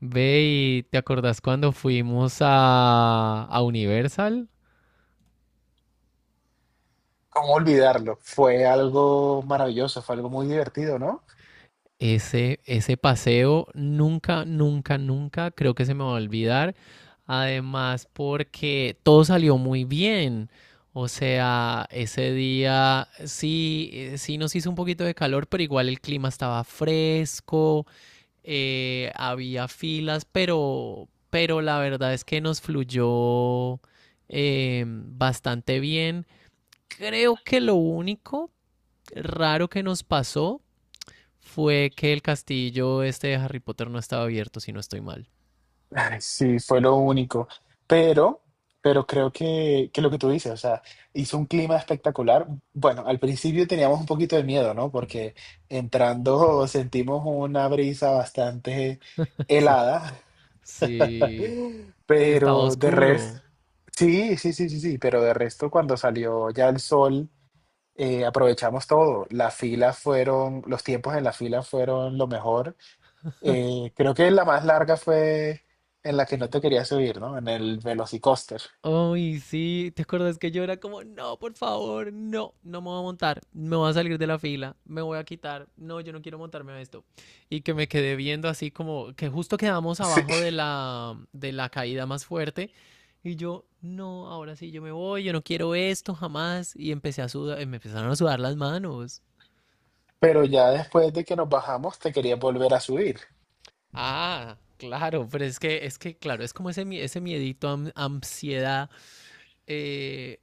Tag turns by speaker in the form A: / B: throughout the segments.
A: Ve y te acordás cuando fuimos a Universal.
B: ¿Cómo olvidarlo? Fue algo maravilloso, fue algo muy divertido, ¿no?
A: Ese paseo nunca creo que se me va a olvidar. Además, porque todo salió muy bien. O sea, ese día sí, sí nos hizo un poquito de calor, pero igual el clima estaba fresco, había filas, pero la verdad es que nos fluyó bastante bien. Creo que lo único raro que nos pasó fue que el castillo este de Harry Potter no estaba abierto, si no estoy mal.
B: Ay, sí, fue lo único. Pero, pero creo que lo que tú dices, o sea, hizo un clima espectacular. Bueno, al principio teníamos un poquito de miedo, ¿no? Porque entrando sentimos una brisa bastante
A: Sí,
B: helada,
A: sí. Y estaba
B: pero de resto,
A: oscuro.
B: sí, sí, sí, sí, sí, pero de resto cuando salió ya el sol, aprovechamos todo. Los tiempos en la fila fueron lo mejor. Creo que la más larga fue en la que no te quería subir, ¿no? En el Velocicoaster.
A: Ay, sí, ¿te acuerdas que yo era como, no, por favor, no, no me voy a montar, me voy a salir de la fila, me voy a quitar, no, yo no quiero montarme a esto? Y que me quedé viendo así como que justo quedamos
B: Sí.
A: abajo de la caída más fuerte. Y yo, no, ahora sí yo me voy, yo no quiero esto jamás. Y empecé a sudar, me empezaron a sudar las manos.
B: Pero ya después de que nos bajamos, te quería volver a subir.
A: Ah, claro, pero es que, claro, es como ese, ese miedito, ansiedad. eh,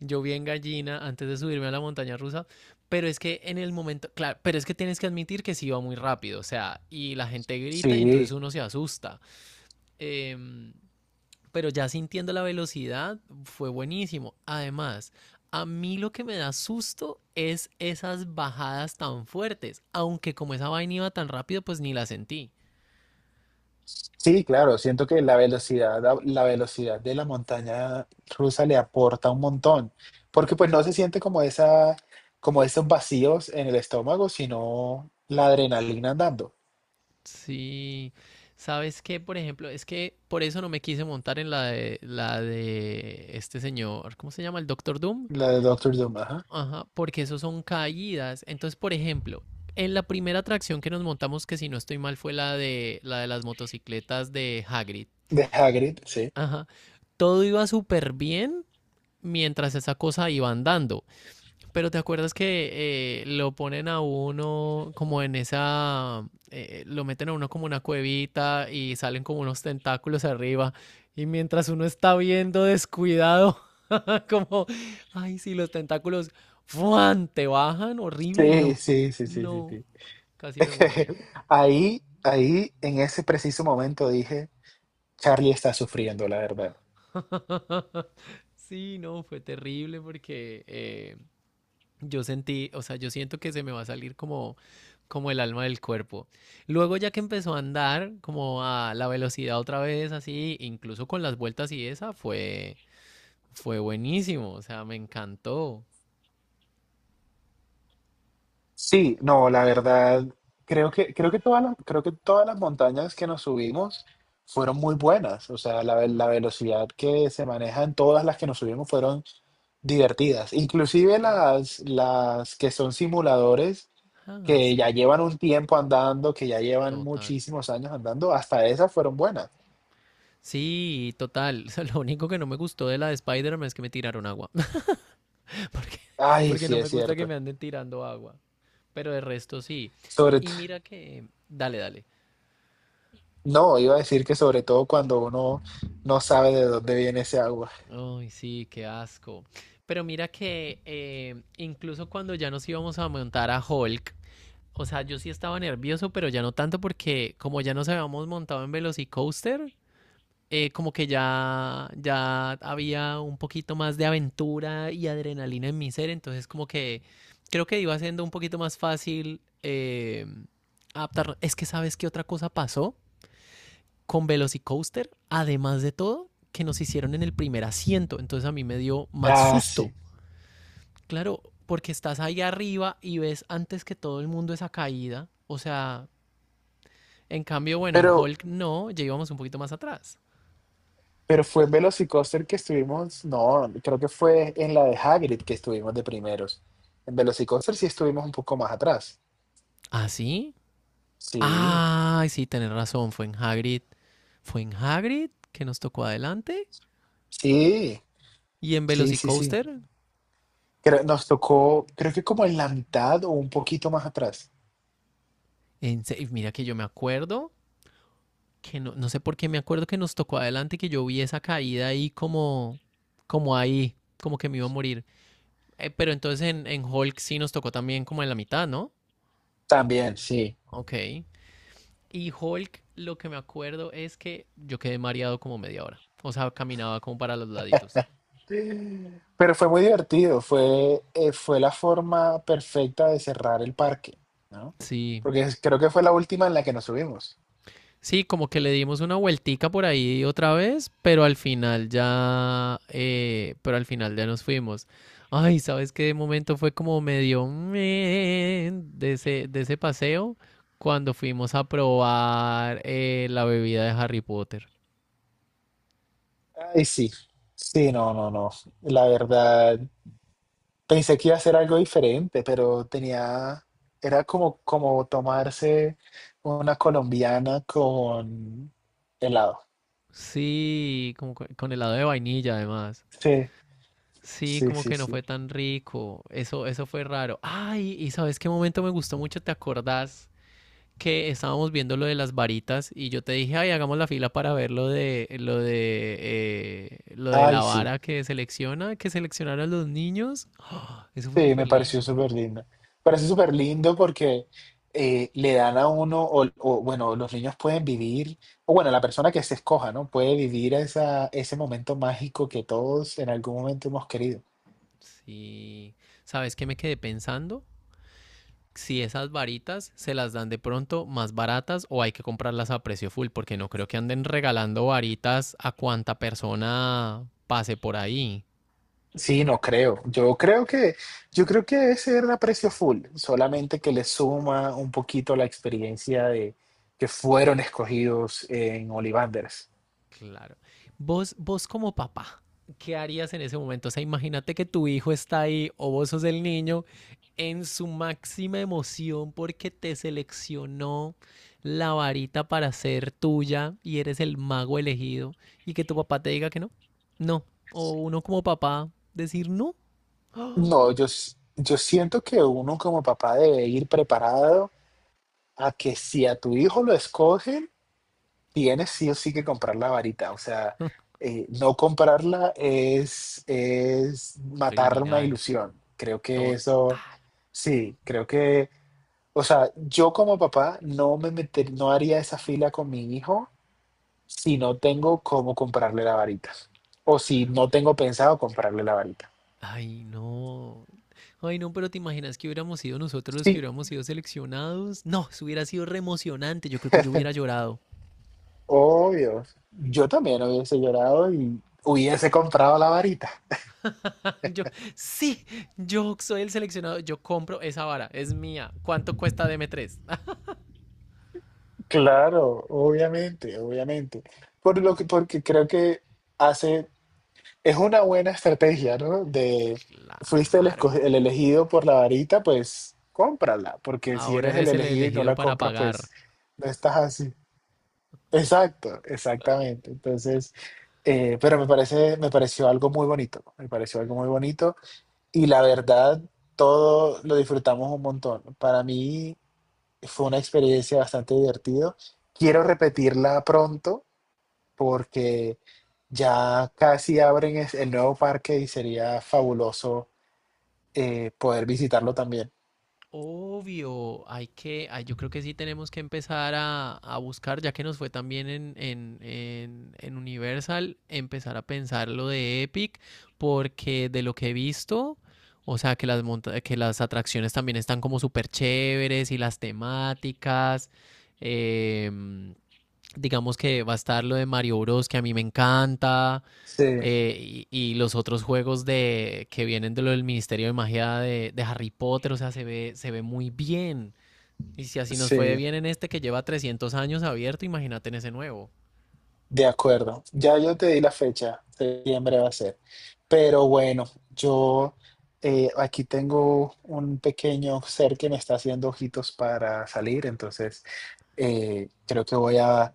A: Yo vi en gallina antes de subirme a la montaña rusa, pero es que en el momento, claro, pero es que tienes que admitir que sí iba muy rápido, o sea, y la gente grita y entonces
B: Sí,
A: uno se asusta. Em, pero ya sintiendo la velocidad fue buenísimo. Además, a mí lo que me da susto es esas bajadas tan fuertes, aunque como esa vaina iba tan rápido, pues ni la sentí.
B: sí, claro, siento que la velocidad de la montaña rusa le aporta un montón, porque pues no se siente como esa, como esos vacíos en el estómago, sino la adrenalina andando,
A: Sí, ¿sabes qué? Por ejemplo, es que por eso no me quise montar en la de este señor, ¿cómo se llama? El Doctor Doom.
B: la de Doctor Doom, ajá,
A: Ajá, porque eso son caídas. Entonces, por ejemplo, en la primera atracción que nos montamos, que si no estoy mal, fue la de las motocicletas de Hagrid.
B: de Hagrid, sí.
A: Ajá, todo iba súper bien mientras esa cosa iba andando. Pero te acuerdas que lo ponen a uno como en esa, lo meten a uno como una cuevita y salen como unos tentáculos arriba, y mientras uno está viendo descuidado, como, ay, si los tentáculos, ¡fuan! Te bajan, horrible,
B: Sí,
A: no,
B: sí, sí, sí, sí,
A: no,
B: sí.
A: casi me muero ahí.
B: Ahí, ahí, en ese preciso momento dije, Charlie está sufriendo, la verdad.
A: Sí, no, fue terrible porque yo sentí, o sea, yo siento que se me va a salir como, como el alma del cuerpo. Luego ya que empezó a andar como a la velocidad otra vez, así, incluso con las vueltas y esa, fue, fue buenísimo, o sea, me encantó.
B: Sí, no, la verdad, creo que todas las montañas que nos subimos fueron muy buenas. O sea, la
A: Mm,
B: velocidad que se maneja en todas las que nos subimos fueron divertidas. Inclusive
A: sí.
B: las que son simuladores,
A: Ah,
B: que ya
A: sí,
B: llevan un tiempo andando, que ya llevan
A: total.
B: muchísimos años andando, hasta esas fueron buenas.
A: Sí, total. O sea, lo único que no me gustó de la de Spider-Man es que me tiraron agua. Porque,
B: Ay,
A: porque
B: sí,
A: no me
B: es
A: gusta que
B: cierto.
A: me anden tirando agua. Pero de resto sí.
B: Sobre,
A: Y mira que... Dale, dale.
B: No, iba a decir que sobre todo cuando uno no sabe de dónde viene ese agua.
A: Ay, sí, qué asco. Pero mira que incluso cuando ya nos íbamos a montar a Hulk, o sea, yo sí estaba nervioso, pero ya no tanto porque como ya nos habíamos montado en Velocicoaster, como que ya había un poquito más de aventura y adrenalina en mi ser, entonces como que creo que iba siendo un poquito más fácil adaptarlo. Es que sabes qué otra cosa pasó con Velocicoaster, además de todo, que nos hicieron en el primer asiento. Entonces a mí me dio más
B: Ah,
A: susto.
B: sí.
A: Claro, porque estás ahí arriba y ves antes que todo el mundo esa caída. O sea, en cambio, bueno, en
B: Pero,
A: Hulk no, ya íbamos un poquito más atrás.
B: pero fue en Velocicoaster que estuvimos, no, creo que fue en la de Hagrid que estuvimos de primeros. En Velocicoaster sí estuvimos un poco más atrás.
A: ¿Ah, sí?
B: Sí,
A: Ay, sí, tenés razón, fue en Hagrid. Fue en Hagrid que nos tocó adelante.
B: sí,
A: Y en
B: sí, sí, sí.
A: Velocicoaster,
B: Creo- nos tocó, creo que como en la mitad o un poquito más atrás.
A: en mira que yo me acuerdo que no, no sé por qué me acuerdo que nos tocó adelante, que yo vi esa caída ahí como, como ahí, como que me iba a morir. Pero entonces en Hulk sí nos tocó también como en la mitad, ¿no?
B: También, sí.
A: Ok. Y Hulk, lo que me acuerdo es que yo quedé mareado como media hora. O sea, caminaba como para los laditos.
B: Pero fue muy divertido, fue la forma perfecta de cerrar el parque, ¿no?
A: Sí,
B: Porque es- creo que fue la última en la que nos subimos.
A: sí, como que le dimos una vueltica por ahí otra vez, pero al final ya, pero al final ya nos fuimos. Ay, ¿sabes qué? De momento fue como medio meh de ese paseo cuando fuimos a probar la bebida de Harry Potter.
B: Ay, sí, sí, no, no, no. La verdad, pensé que iba a ser algo diferente, pero tenía, era como, como tomarse una colombiana con helado.
A: Sí, como con helado de vainilla además.
B: Sí,
A: Sí,
B: sí,
A: como
B: sí,
A: que no
B: sí.
A: fue tan rico. Eso fue raro. Ay, ¿y sabes qué momento me gustó mucho? ¿Te acordás? Que estábamos viendo lo de las varitas y yo te dije, ay, hagamos la fila para ver lo de lo de la
B: Ay, sí.
A: vara que selecciona, que seleccionaron los niños. ¡Ah! Eso fue
B: Sí,
A: súper
B: me pareció
A: lindo.
B: súper lindo. Parece súper lindo porque le dan a uno, o, bueno, los niños pueden vivir, o bueno, la persona que se escoja, ¿no? Puede vivir esa, ese momento mágico que todos en algún momento hemos querido.
A: Sí. ¿Sabes qué me quedé pensando? Si esas varitas se las dan de pronto más baratas o hay que comprarlas a precio full, porque no creo que anden regalando varitas a cuanta persona pase por ahí.
B: Sí, no creo. Yo creo que debe ser a precio full, solamente que le suma un poquito la experiencia de que fueron escogidos en Ollivanders.
A: Claro. Vos como papá, ¿qué harías en ese momento? O sea, imagínate que tu hijo está ahí o vos sos el niño en su máxima emoción porque te seleccionó la varita para ser tuya y eres el mago elegido, y que tu papá te diga que no. No. O uno como papá decir no.
B: No, yo, s- yo siento que uno como papá debe ir preparado a que si a tu hijo lo escogen, tienes sí o sí que comprar la varita. O sea, no comprarla es matar una
A: Criminal.
B: ilusión. Creo que eso,
A: Total.
B: sí, creo que, o sea, yo como papá no me meter, no haría esa fila con mi hijo si no tengo cómo comprarle la varita. O si no tengo pensado comprarle la varita.
A: Ay, no. Ay, no, pero ¿te imaginas que hubiéramos sido nosotros los que
B: Sí,
A: hubiéramos sido seleccionados? No, eso hubiera sido re emocionante. Yo creo que yo hubiera llorado.
B: obvio. Yo también hubiese llorado y hubiese comprado la varita.
A: Yo, sí, yo soy el seleccionado. Yo compro esa vara, es mía. ¿Cuánto cuesta dm tres?
B: Claro, obviamente, obviamente. Por lo que, porque creo que hace, es una buena estrategia, ¿no? De, fuiste el, esco-
A: Claro.
B: el elegido por la varita, pues cómprala, porque si
A: Ahora
B: eres el
A: eres el
B: elegido y no
A: elegido
B: la
A: para
B: compras,
A: pagar.
B: pues no estás así. Exacto, exactamente. Entonces, pero me parece, me pareció algo muy bonito, me pareció algo muy bonito y la verdad, todo lo disfrutamos un montón. Para mí fue una experiencia bastante divertida. Quiero repetirla pronto porque ya casi abren es- el nuevo parque y sería fabuloso poder visitarlo también.
A: Obvio, hay que, ay, yo creo que sí tenemos que empezar a buscar, ya que nos fue también en Universal, empezar a pensar lo de Epic, porque de lo que he visto, o sea, que que las atracciones también están como súper chéveres y las temáticas, em, digamos que va a estar lo de Mario Bros, que a mí me encanta,
B: Sí,
A: y los otros juegos de, que vienen de lo del Ministerio de Magia de Harry Potter, o sea, se ve muy bien. Y si así nos fue
B: sí,
A: bien en este que lleva 300 años abierto, imagínate en ese nuevo.
B: de acuerdo. Ya yo te di la fecha, septiembre va a ser. Pero bueno, yo aquí tengo un pequeño ser que me está haciendo ojitos para salir, entonces creo que voy a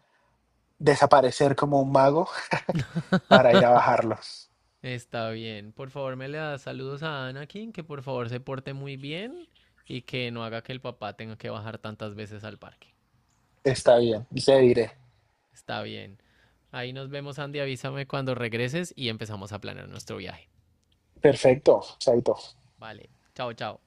B: desaparecer como un mago para ir a bajarlo.
A: Está bien. Por favor, me le das saludos a Anakin, que por favor se porte muy bien y que no haga que el papá tenga que bajar tantas veces al parque.
B: Está bien, le diré.
A: Está bien. Ahí nos vemos, Andy. Avísame cuando regreses y empezamos a planear nuestro viaje.
B: Perfecto, Chaito.
A: Vale. Chao, chao.